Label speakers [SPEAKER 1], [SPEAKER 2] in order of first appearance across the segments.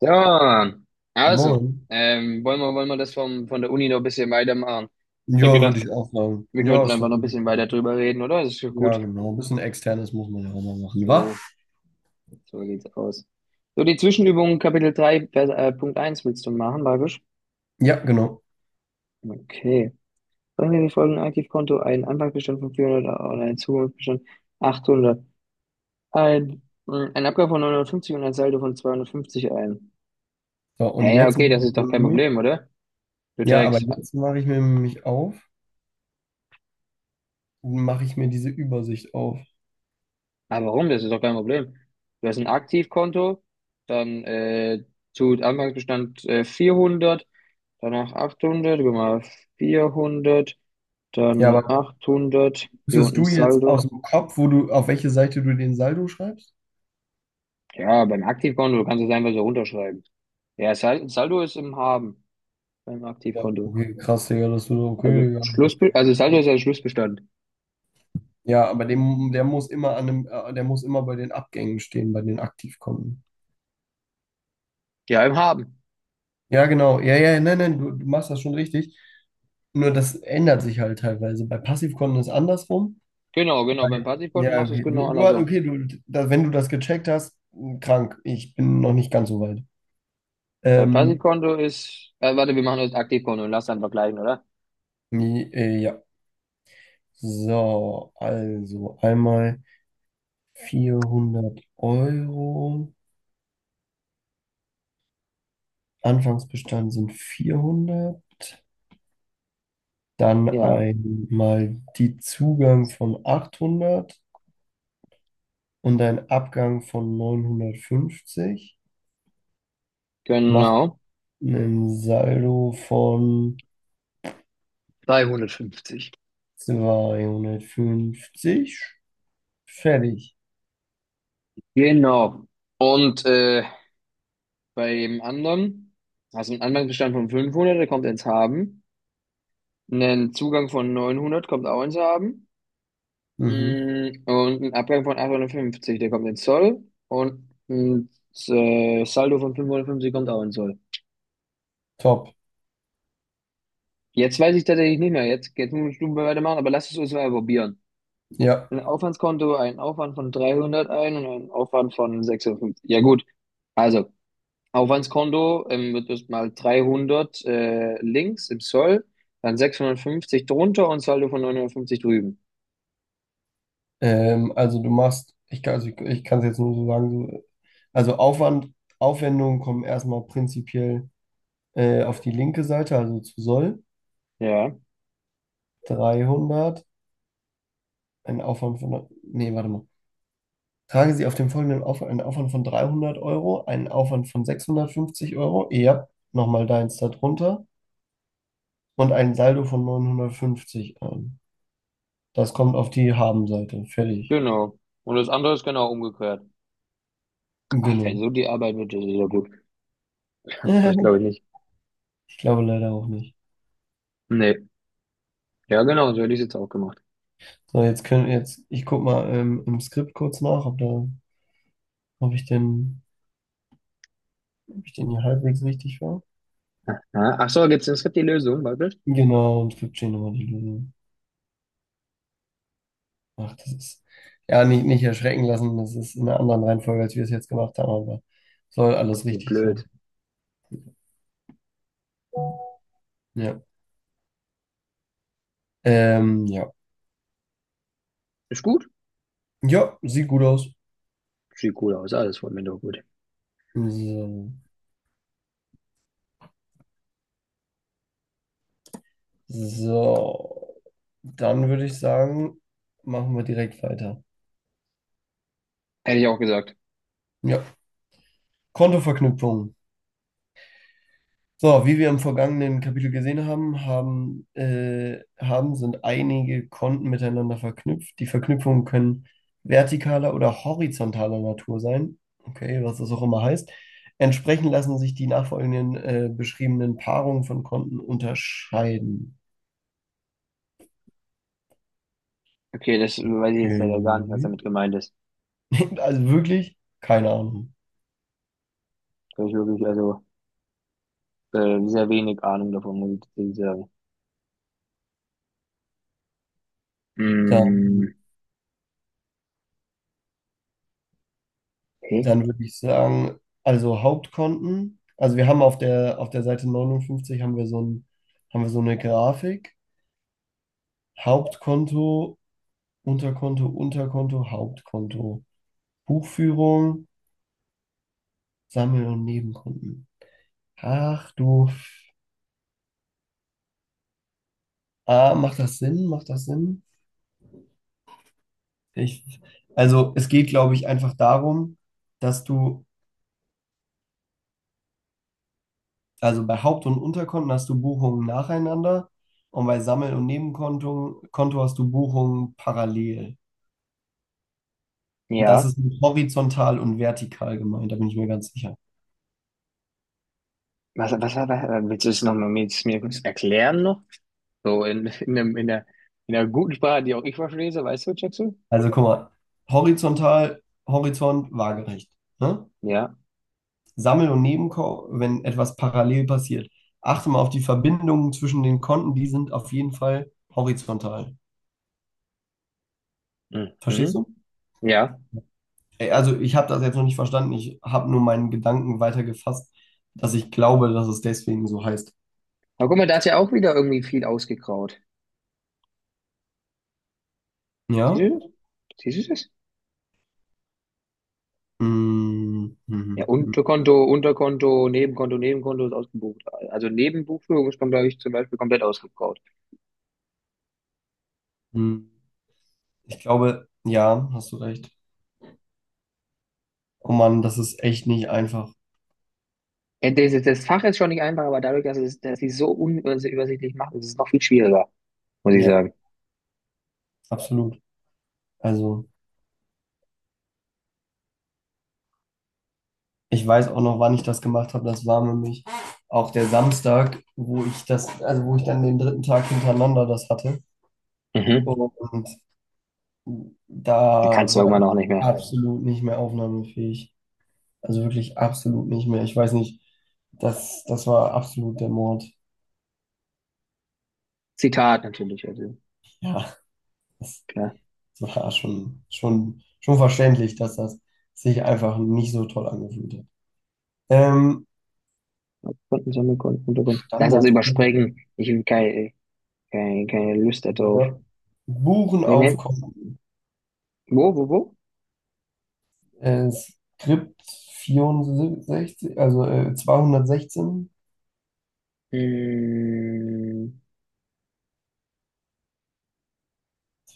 [SPEAKER 1] So, also,
[SPEAKER 2] Moin.
[SPEAKER 1] wollen wir das von der Uni noch ein bisschen weitermachen? Ich hab
[SPEAKER 2] Ja, würde
[SPEAKER 1] gedacht,
[SPEAKER 2] ich auch sagen.
[SPEAKER 1] wir
[SPEAKER 2] Ja,
[SPEAKER 1] könnten
[SPEAKER 2] ist doch
[SPEAKER 1] einfach noch
[SPEAKER 2] eine
[SPEAKER 1] ein bisschen
[SPEAKER 2] gute
[SPEAKER 1] weiter
[SPEAKER 2] Sache.
[SPEAKER 1] drüber reden, oder? Das ist ja
[SPEAKER 2] Ja,
[SPEAKER 1] gut.
[SPEAKER 2] genau. Ein bisschen externes muss man ja auch mal machen, wa?
[SPEAKER 1] So, so sieht's aus. So, die Zwischenübung Kapitel 3 Vers, Punkt eins willst du machen, Barbisch?
[SPEAKER 2] Ja, genau.
[SPEAKER 1] Okay. Bringen wir die folgenden Aktivkonto, ein Anfangsbestand von 400 und ein Zugangsbestand 800 ein, ein Abgabe von 950 und ein Saldo von 250 ein.
[SPEAKER 2] So,
[SPEAKER 1] Ja,
[SPEAKER 2] und
[SPEAKER 1] ja,
[SPEAKER 2] jetzt,
[SPEAKER 1] okay, das ist doch kein Problem, oder? Du
[SPEAKER 2] ja, aber
[SPEAKER 1] trägst.
[SPEAKER 2] jetzt mache ich mir mich auf und mache ich mir diese Übersicht auf.
[SPEAKER 1] Aber warum? Das ist doch kein Problem. Du hast ein Aktivkonto, dann zu Anfangsbestand 400, danach 800, guck mal 400,
[SPEAKER 2] Ja,
[SPEAKER 1] dann
[SPEAKER 2] aber
[SPEAKER 1] 800 hier
[SPEAKER 2] wüsstest
[SPEAKER 1] unten
[SPEAKER 2] du jetzt
[SPEAKER 1] Saldo.
[SPEAKER 2] aus dem Kopf, wo du, auf welche Seite du den Saldo schreibst?
[SPEAKER 1] Ja, beim Aktivkonto kannst du es einfach so runterschreiben. Ja, Saldo ist im Haben beim
[SPEAKER 2] Ja,
[SPEAKER 1] Aktivkonto.
[SPEAKER 2] okay, krass, Digga, das wird
[SPEAKER 1] Also
[SPEAKER 2] okay, Digga.
[SPEAKER 1] Schluss, also Saldo ist ja Schlussbestand.
[SPEAKER 2] Ja, aber dem, der muss immer an dem, der muss immer bei den Abgängen stehen, bei den Aktivkonten.
[SPEAKER 1] Ja, im Haben.
[SPEAKER 2] Ja, genau. Ja, ja, nein, nein, du machst das schon richtig. Nur das ändert sich halt teilweise. Bei Passivkonten ist andersrum.
[SPEAKER 1] Genau, genau. Beim Passivkonto
[SPEAKER 2] Ja,
[SPEAKER 1] machst du es
[SPEAKER 2] okay.
[SPEAKER 1] genau
[SPEAKER 2] Du,
[SPEAKER 1] andersrum.
[SPEAKER 2] okay, du, da, wenn du das gecheckt hast, hm, krank. Ich bin noch nicht ganz so weit.
[SPEAKER 1] Bei
[SPEAKER 2] Ähm,
[SPEAKER 1] Passivkonto ist, warte, wir machen das Aktivkonto und lass dann vergleichen, oder?
[SPEAKER 2] nee, ja. So, also einmal vierhundert Euro. Anfangsbestand sind 400. Dann
[SPEAKER 1] Ja,
[SPEAKER 2] einmal die Zugang von 800 und ein Abgang von 950. Macht
[SPEAKER 1] genau.
[SPEAKER 2] einen Saldo von
[SPEAKER 1] 350.
[SPEAKER 2] 250. Fertig.
[SPEAKER 1] Genau. Und bei dem anderen hast du einen Anfangsbestand von 500, der kommt ins Haben. Einen Zugang von 900 kommt auch ins Haben.
[SPEAKER 2] Mhm.
[SPEAKER 1] Und einen Abgang von 850, der kommt ins Soll. Und ein Saldo von 550 kommt auch ins Soll.
[SPEAKER 2] Top.
[SPEAKER 1] Jetzt weiß ich tatsächlich nicht mehr. Jetzt muss ich du weitermachen, aber lass es uns mal probieren.
[SPEAKER 2] Ja.
[SPEAKER 1] Ein Aufwandskonto, einen Aufwand von 300 ein und einen Aufwand von 650. Ja gut, also Aufwandskonto wird das mal 300 links im Soll, dann 650 drunter und Saldo von 950 drüben.
[SPEAKER 2] Also du machst, ich kann, also ich kann es jetzt nur so sagen, so, also Aufwand, Aufwendungen kommen erstmal prinzipiell auf die linke Seite, also zu Soll.
[SPEAKER 1] Ja,
[SPEAKER 2] 300, ein Aufwand von, nee, warte mal. Tragen Sie auf dem folgenden Aufwand einen Aufwand von 300 Euro, einen Aufwand von 650 Euro, ja, nochmal deins darunter und einen Saldo von 950 ein. Das kommt auf die Habenseite, fertig.
[SPEAKER 1] genau. Und das andere ist genau umgekehrt. Ach, wenn
[SPEAKER 2] Genau.
[SPEAKER 1] so die Arbeit wird, das ist ja gut. Aber ich glaube nicht.
[SPEAKER 2] Ich glaube leider auch nicht.
[SPEAKER 1] Nee. Ja, genau, so hätte ich es jetzt auch gemacht.
[SPEAKER 2] So, jetzt können jetzt, ich guck mal im Skript kurz nach, ob da, ob ich den, ob ich den hier halbwegs richtig war.
[SPEAKER 1] Ja, ach so, gibt's im Skript die Lösung, wirklich?
[SPEAKER 2] Genau, und Skript stehen nochmal die Lösung. Ach, das ist, ja, nicht, nicht erschrecken lassen, das ist in einer anderen Reihenfolge, als wir es jetzt gemacht haben, aber soll
[SPEAKER 1] Ach,
[SPEAKER 2] alles
[SPEAKER 1] das ist
[SPEAKER 2] richtig sein.
[SPEAKER 1] blöd.
[SPEAKER 2] Ja. Ja.
[SPEAKER 1] Ist gut?
[SPEAKER 2] Ja, sieht gut aus.
[SPEAKER 1] Sieht cool aus, alles von mir doch gut.
[SPEAKER 2] So. So, dann würde ich sagen, machen wir direkt weiter.
[SPEAKER 1] Hätte ich auch gesagt.
[SPEAKER 2] Ja, Kontoverknüpfung. So, wie wir im vergangenen Kapitel gesehen haben, sind einige Konten miteinander verknüpft. Die Verknüpfungen können vertikaler oder horizontaler Natur sein. Okay, was das auch immer heißt. Entsprechend lassen sich die nachfolgenden beschriebenen Paarungen von Konten unterscheiden.
[SPEAKER 1] Okay, das weiß ich jetzt leider gar nicht, was
[SPEAKER 2] Okay.
[SPEAKER 1] damit gemeint ist.
[SPEAKER 2] Also wirklich, keine Ahnung.
[SPEAKER 1] Da hab ich wirklich, also, sehr wenig Ahnung davon, muss ich sehr. Mm,
[SPEAKER 2] Dann,
[SPEAKER 1] okay.
[SPEAKER 2] dann würde ich sagen, also Hauptkonten. Also wir haben auf der Seite 59 haben wir so eine Grafik. Hauptkonto, Unterkonto, Unterkonto, Hauptkonto. Buchführung, Sammel- und Nebenkonten. Ach du. Ah, macht das Sinn? Macht das Sinn? Ich, also es geht, glaube ich, einfach darum, dass du, also bei Haupt- und Unterkonten hast du Buchungen nacheinander und bei Sammel- und Nebenkonto Konto hast du Buchungen parallel. Das
[SPEAKER 1] Ja.
[SPEAKER 2] ist mit horizontal und vertikal gemeint, da bin ich mir ganz sicher.
[SPEAKER 1] Willst du es nochmal mir kurz erklären noch? So in der guten Sprache, die auch ich verstehe, so, weißt du, Jackson?
[SPEAKER 2] Also guck mal, horizontal, Horizont, waagerecht. Ne?
[SPEAKER 1] Ja.
[SPEAKER 2] Sammel- und Nebenkau, wenn etwas parallel passiert. Achte mal auf die Verbindungen zwischen den Konten, die sind auf jeden Fall horizontal. Verstehst
[SPEAKER 1] Mhm.
[SPEAKER 2] du?
[SPEAKER 1] Ja.
[SPEAKER 2] Ey, also ich habe das jetzt noch nicht verstanden, ich habe nur meinen Gedanken weitergefasst, dass ich glaube, dass es deswegen so heißt.
[SPEAKER 1] Aber guck mal, da ist ja auch wieder irgendwie viel ausgekraut. Siehst
[SPEAKER 2] Ja?
[SPEAKER 1] du das? Siehst du das?
[SPEAKER 2] Mm,
[SPEAKER 1] Ja,
[SPEAKER 2] mhm, mhm,
[SPEAKER 1] Unterkonto, Unterkonto, Nebenkonto, Nebenkonto ist ausgebucht. Also Nebenbuchführung ist, glaube ich, zum Beispiel komplett ausgegraut.
[SPEAKER 2] mhm. Ich glaube, ja, hast du recht. Oh Mann, das ist echt nicht einfach.
[SPEAKER 1] Das Fach ist schon nicht einfach, aber dadurch, dass es, dass sie es so unübersichtlich machen, ist es noch viel schwieriger, muss ich
[SPEAKER 2] Ja,
[SPEAKER 1] sagen.
[SPEAKER 2] absolut. Also. Ich weiß auch noch, wann ich das gemacht habe. Das war nämlich auch der Samstag, wo ich das, also wo ich dann den dritten Tag hintereinander das hatte.
[SPEAKER 1] Mhm.
[SPEAKER 2] Und
[SPEAKER 1] Da kannst
[SPEAKER 2] da
[SPEAKER 1] du ja
[SPEAKER 2] war
[SPEAKER 1] irgendwann auch
[SPEAKER 2] ich
[SPEAKER 1] nicht mehr.
[SPEAKER 2] absolut nicht mehr aufnahmefähig. Also wirklich absolut nicht mehr. Ich weiß nicht, das war absolut der Mord.
[SPEAKER 1] Zitat natürlich, also
[SPEAKER 2] Ja, das,
[SPEAKER 1] klar.
[SPEAKER 2] war schon verständlich, dass das sich einfach nicht so toll angefühlt hat. Ähm,
[SPEAKER 1] Kunden sammeln, Kunden, Kunden, Kunden. Lass das
[SPEAKER 2] Standard.
[SPEAKER 1] überspringen. Ich will keine, Lust darauf.
[SPEAKER 2] Ja. Buchen auf
[SPEAKER 1] Brennen.
[SPEAKER 2] Konto.
[SPEAKER 1] Wo, wo, wo?
[SPEAKER 2] Skript 64, also 216,
[SPEAKER 1] Hm,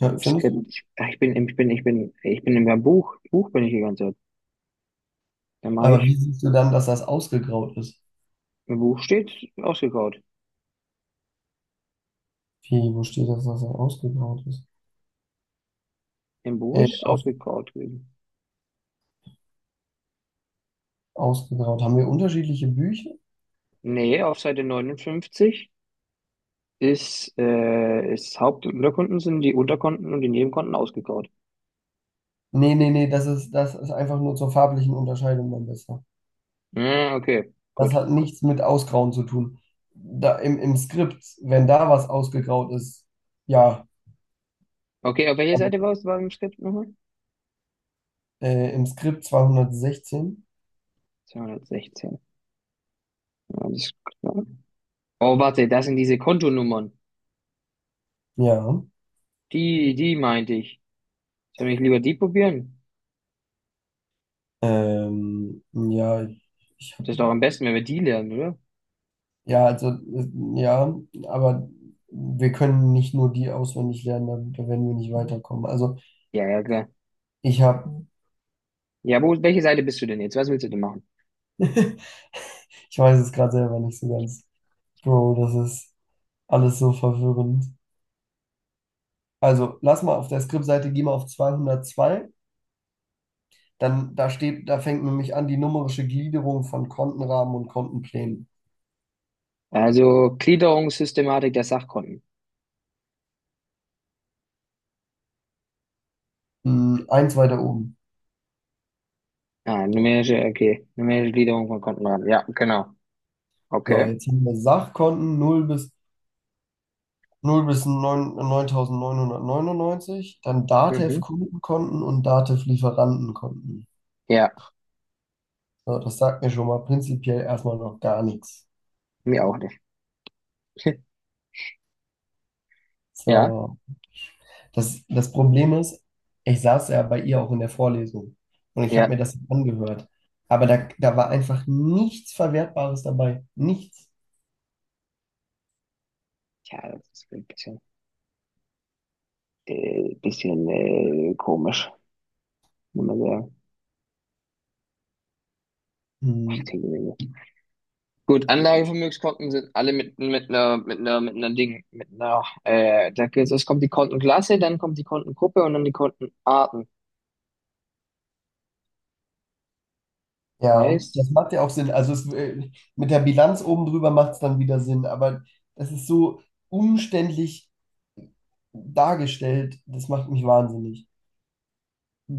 [SPEAKER 1] im
[SPEAKER 2] findest
[SPEAKER 1] Skript.
[SPEAKER 2] du?
[SPEAKER 1] Ich bin im Buch. Buch bin ich die ganze Zeit. Dann mache
[SPEAKER 2] Aber
[SPEAKER 1] ich.
[SPEAKER 2] wie siehst du dann, dass das ausgegraut ist?
[SPEAKER 1] Im Buch steht ausgekaut.
[SPEAKER 2] Wie, wo steht das, dass das ausgegraut ist?
[SPEAKER 1] Im Buch
[SPEAKER 2] Äh,
[SPEAKER 1] ist es
[SPEAKER 2] auf,
[SPEAKER 1] ausgekaut gewesen.
[SPEAKER 2] ausgegraut. Haben wir unterschiedliche Bücher?
[SPEAKER 1] Nee, auf Seite 59 ist Haupt- und Unterkonten sind die Unterkonten und die Nebenkonten ausgekaut.
[SPEAKER 2] Nee, nee, nee, das ist einfach nur zur farblichen Unterscheidung dann besser.
[SPEAKER 1] Hm, okay, gut.
[SPEAKER 2] Das hat nichts mit Ausgrauen zu tun. Im Skript, wenn da was ausgegraut ist, ja.
[SPEAKER 1] Okay, auf welcher Seite
[SPEAKER 2] Aber,
[SPEAKER 1] warst du beim Skript nochmal?
[SPEAKER 2] im Skript 216,
[SPEAKER 1] 216. Alles klar. Oh, warte, das sind diese Kontonummern.
[SPEAKER 2] ja.
[SPEAKER 1] Die meinte ich. Soll ich lieber die probieren?
[SPEAKER 2] Ja, ich
[SPEAKER 1] Das ist doch
[SPEAKER 2] habe.
[SPEAKER 1] am besten, wenn wir die lernen, oder?
[SPEAKER 2] Ja, also, ja, aber wir können nicht nur die auswendig lernen, da werden wir nicht weiterkommen. Also,
[SPEAKER 1] Ja, ja, klar.
[SPEAKER 2] ich habe,
[SPEAKER 1] Ja, welche Seite bist du denn jetzt? Was willst du denn machen?
[SPEAKER 2] ich weiß es gerade selber nicht so ganz. Bro, das ist alles so verwirrend. Also, lass mal auf der Skriptseite, geh mal auf 202. Dann, da steht, da fängt nämlich an die numerische Gliederung von Kontenrahmen und Kontenplänen.
[SPEAKER 1] Also, Gliederungssystematik der Sachkonten.
[SPEAKER 2] Hm, eins weiter oben.
[SPEAKER 1] Ah, numerische, okay. Numerische Gliederung von Kontenraten. Ja, genau.
[SPEAKER 2] So,
[SPEAKER 1] Okay.
[SPEAKER 2] jetzt haben wir Sachkonten null bis 0 bis 9, 9.999, dann
[SPEAKER 1] Mhm.
[SPEAKER 2] Datev-Kundenkonten und Datev-Lieferantenkonten.
[SPEAKER 1] Ja,
[SPEAKER 2] So, das sagt mir schon mal prinzipiell erstmal noch gar nichts.
[SPEAKER 1] mir auch nicht. Ja,
[SPEAKER 2] So, das Problem ist, ich saß ja bei ihr auch in der Vorlesung und ich habe
[SPEAKER 1] ja.
[SPEAKER 2] mir das angehört. Aber da war einfach nichts Verwertbares dabei. Nichts.
[SPEAKER 1] Tja, das ist ein bisschen komisch, muss man sagen. Ach,
[SPEAKER 2] Hm.
[SPEAKER 1] die Güte. Gut, Anlagevermögenskonten sind alle mit einer, mit einer, mit einer Ding, mit einer, da geht's, es kommt die Kontenklasse, dann kommt die Kontengruppe und dann die Kontenarten.
[SPEAKER 2] Ja,
[SPEAKER 1] Heißt,
[SPEAKER 2] das macht ja auch Sinn. Also es, mit der Bilanz oben drüber macht es dann wieder Sinn. Aber das ist so umständlich dargestellt, das macht mich wahnsinnig.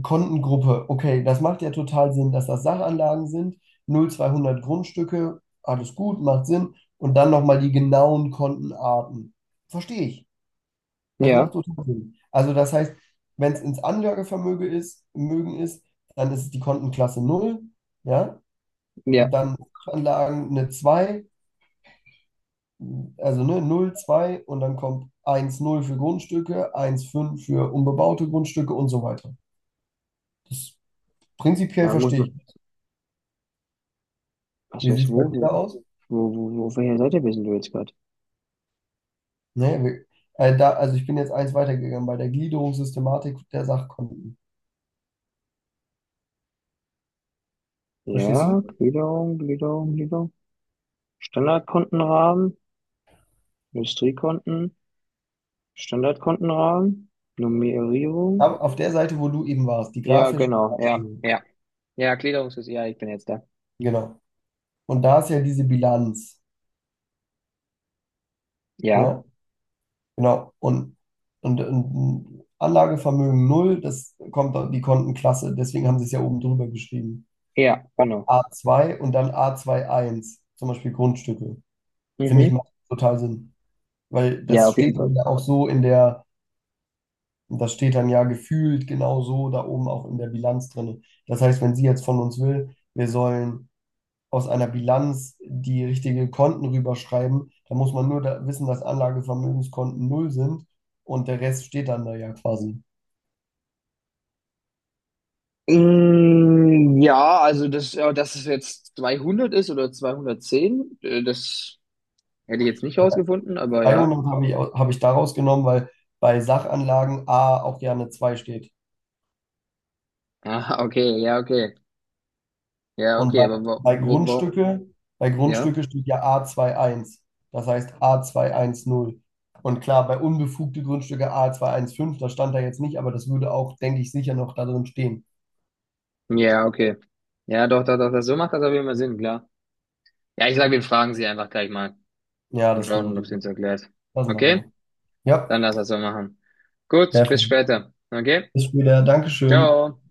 [SPEAKER 2] Kontengruppe, okay, das macht ja total Sinn, dass das Sachanlagen sind, 0,200 Grundstücke, alles gut, macht Sinn. Und dann nochmal die genauen Kontenarten. Verstehe ich. Das
[SPEAKER 1] ja,
[SPEAKER 2] macht total Sinn. Also das heißt, wenn es ins Anlagevermögen ist, Mögen ist, dann ist es die Kontenklasse 0, ja,
[SPEAKER 1] ja,
[SPEAKER 2] dann Sachanlagen eine 2, also ne, 0, 2 und dann kommt 1,0 für Grundstücke, 1,5 für unbebaute Grundstücke und so weiter. Das prinzipiell
[SPEAKER 1] da muss
[SPEAKER 2] verstehe ich.
[SPEAKER 1] man, was
[SPEAKER 2] Wie sieht
[SPEAKER 1] weiß,
[SPEAKER 2] es bei dir da aus?
[SPEAKER 1] auf welcher Seite bist du jetzt gerade?
[SPEAKER 2] Nee, wir, da, also ich bin jetzt eins weitergegangen bei der Gliederungssystematik der Sachkonten. Verstehst du?
[SPEAKER 1] Ja, Gliederung, Gliederung, Gliederung. Standardkontenrahmen, Industriekonten, Standardkontenrahmen,
[SPEAKER 2] Aber
[SPEAKER 1] Nummerierung.
[SPEAKER 2] auf der Seite, wo du eben warst, die
[SPEAKER 1] Ja,
[SPEAKER 2] grafische
[SPEAKER 1] genau, ja,
[SPEAKER 2] Darstellung.
[SPEAKER 1] ja, ja, ja, ich bin jetzt da.
[SPEAKER 2] Genau. Und da ist ja diese Bilanz.
[SPEAKER 1] Ja,
[SPEAKER 2] Ja, genau. Und Anlagevermögen null. Das kommt dann die Kontenklasse. Deswegen haben sie es ja oben drüber geschrieben.
[SPEAKER 1] ja, genau.
[SPEAKER 2] A2 und dann A21 zum Beispiel Grundstücke. Finde ich
[SPEAKER 1] Mhm.
[SPEAKER 2] macht total Sinn. Weil
[SPEAKER 1] Ja,
[SPEAKER 2] das
[SPEAKER 1] auf
[SPEAKER 2] steht
[SPEAKER 1] jeden Fall.
[SPEAKER 2] ja auch so in der. Und das steht dann ja gefühlt genau so da oben auch in der Bilanz drin. Das heißt, wenn sie jetzt von uns will, wir sollen aus einer Bilanz die richtigen Konten rüberschreiben, dann muss man nur da wissen, dass Anlagevermögenskonten null sind und der Rest steht dann da ja quasi.
[SPEAKER 1] Mm, ja, also das, ja, dass es jetzt 200 ist oder 210, das hätte ich jetzt nicht rausgefunden, aber ja.
[SPEAKER 2] 200 habe ich, habe ich daraus genommen, weil bei Sachanlagen A auch gerne 2 steht.
[SPEAKER 1] Ah, okay, ja, okay. Ja,
[SPEAKER 2] Und
[SPEAKER 1] okay, aber
[SPEAKER 2] bei
[SPEAKER 1] warum?
[SPEAKER 2] Grundstücke, bei
[SPEAKER 1] Ja?
[SPEAKER 2] Grundstücke steht ja A2.1, das heißt A210. Und klar, bei unbefugte Grundstücke A215, das stand da jetzt nicht, aber das würde auch, denke ich, sicher noch da drin stehen.
[SPEAKER 1] Ja, okay. Ja, doch, doch, doch, das, so macht das auf jeden Fall Sinn, klar. Ja, ich sage, wir fragen sie einfach gleich mal
[SPEAKER 2] Ja,
[SPEAKER 1] und
[SPEAKER 2] das ist eine
[SPEAKER 1] schauen,
[SPEAKER 2] gute
[SPEAKER 1] ob sie
[SPEAKER 2] Idee.
[SPEAKER 1] uns erklärt.
[SPEAKER 2] Das machen
[SPEAKER 1] Okay?
[SPEAKER 2] wir. Ja,
[SPEAKER 1] Dann lass das so machen. Gut, bis
[SPEAKER 2] perfekt.
[SPEAKER 1] später. Okay?
[SPEAKER 2] Bis später. Dankeschön.
[SPEAKER 1] Ciao.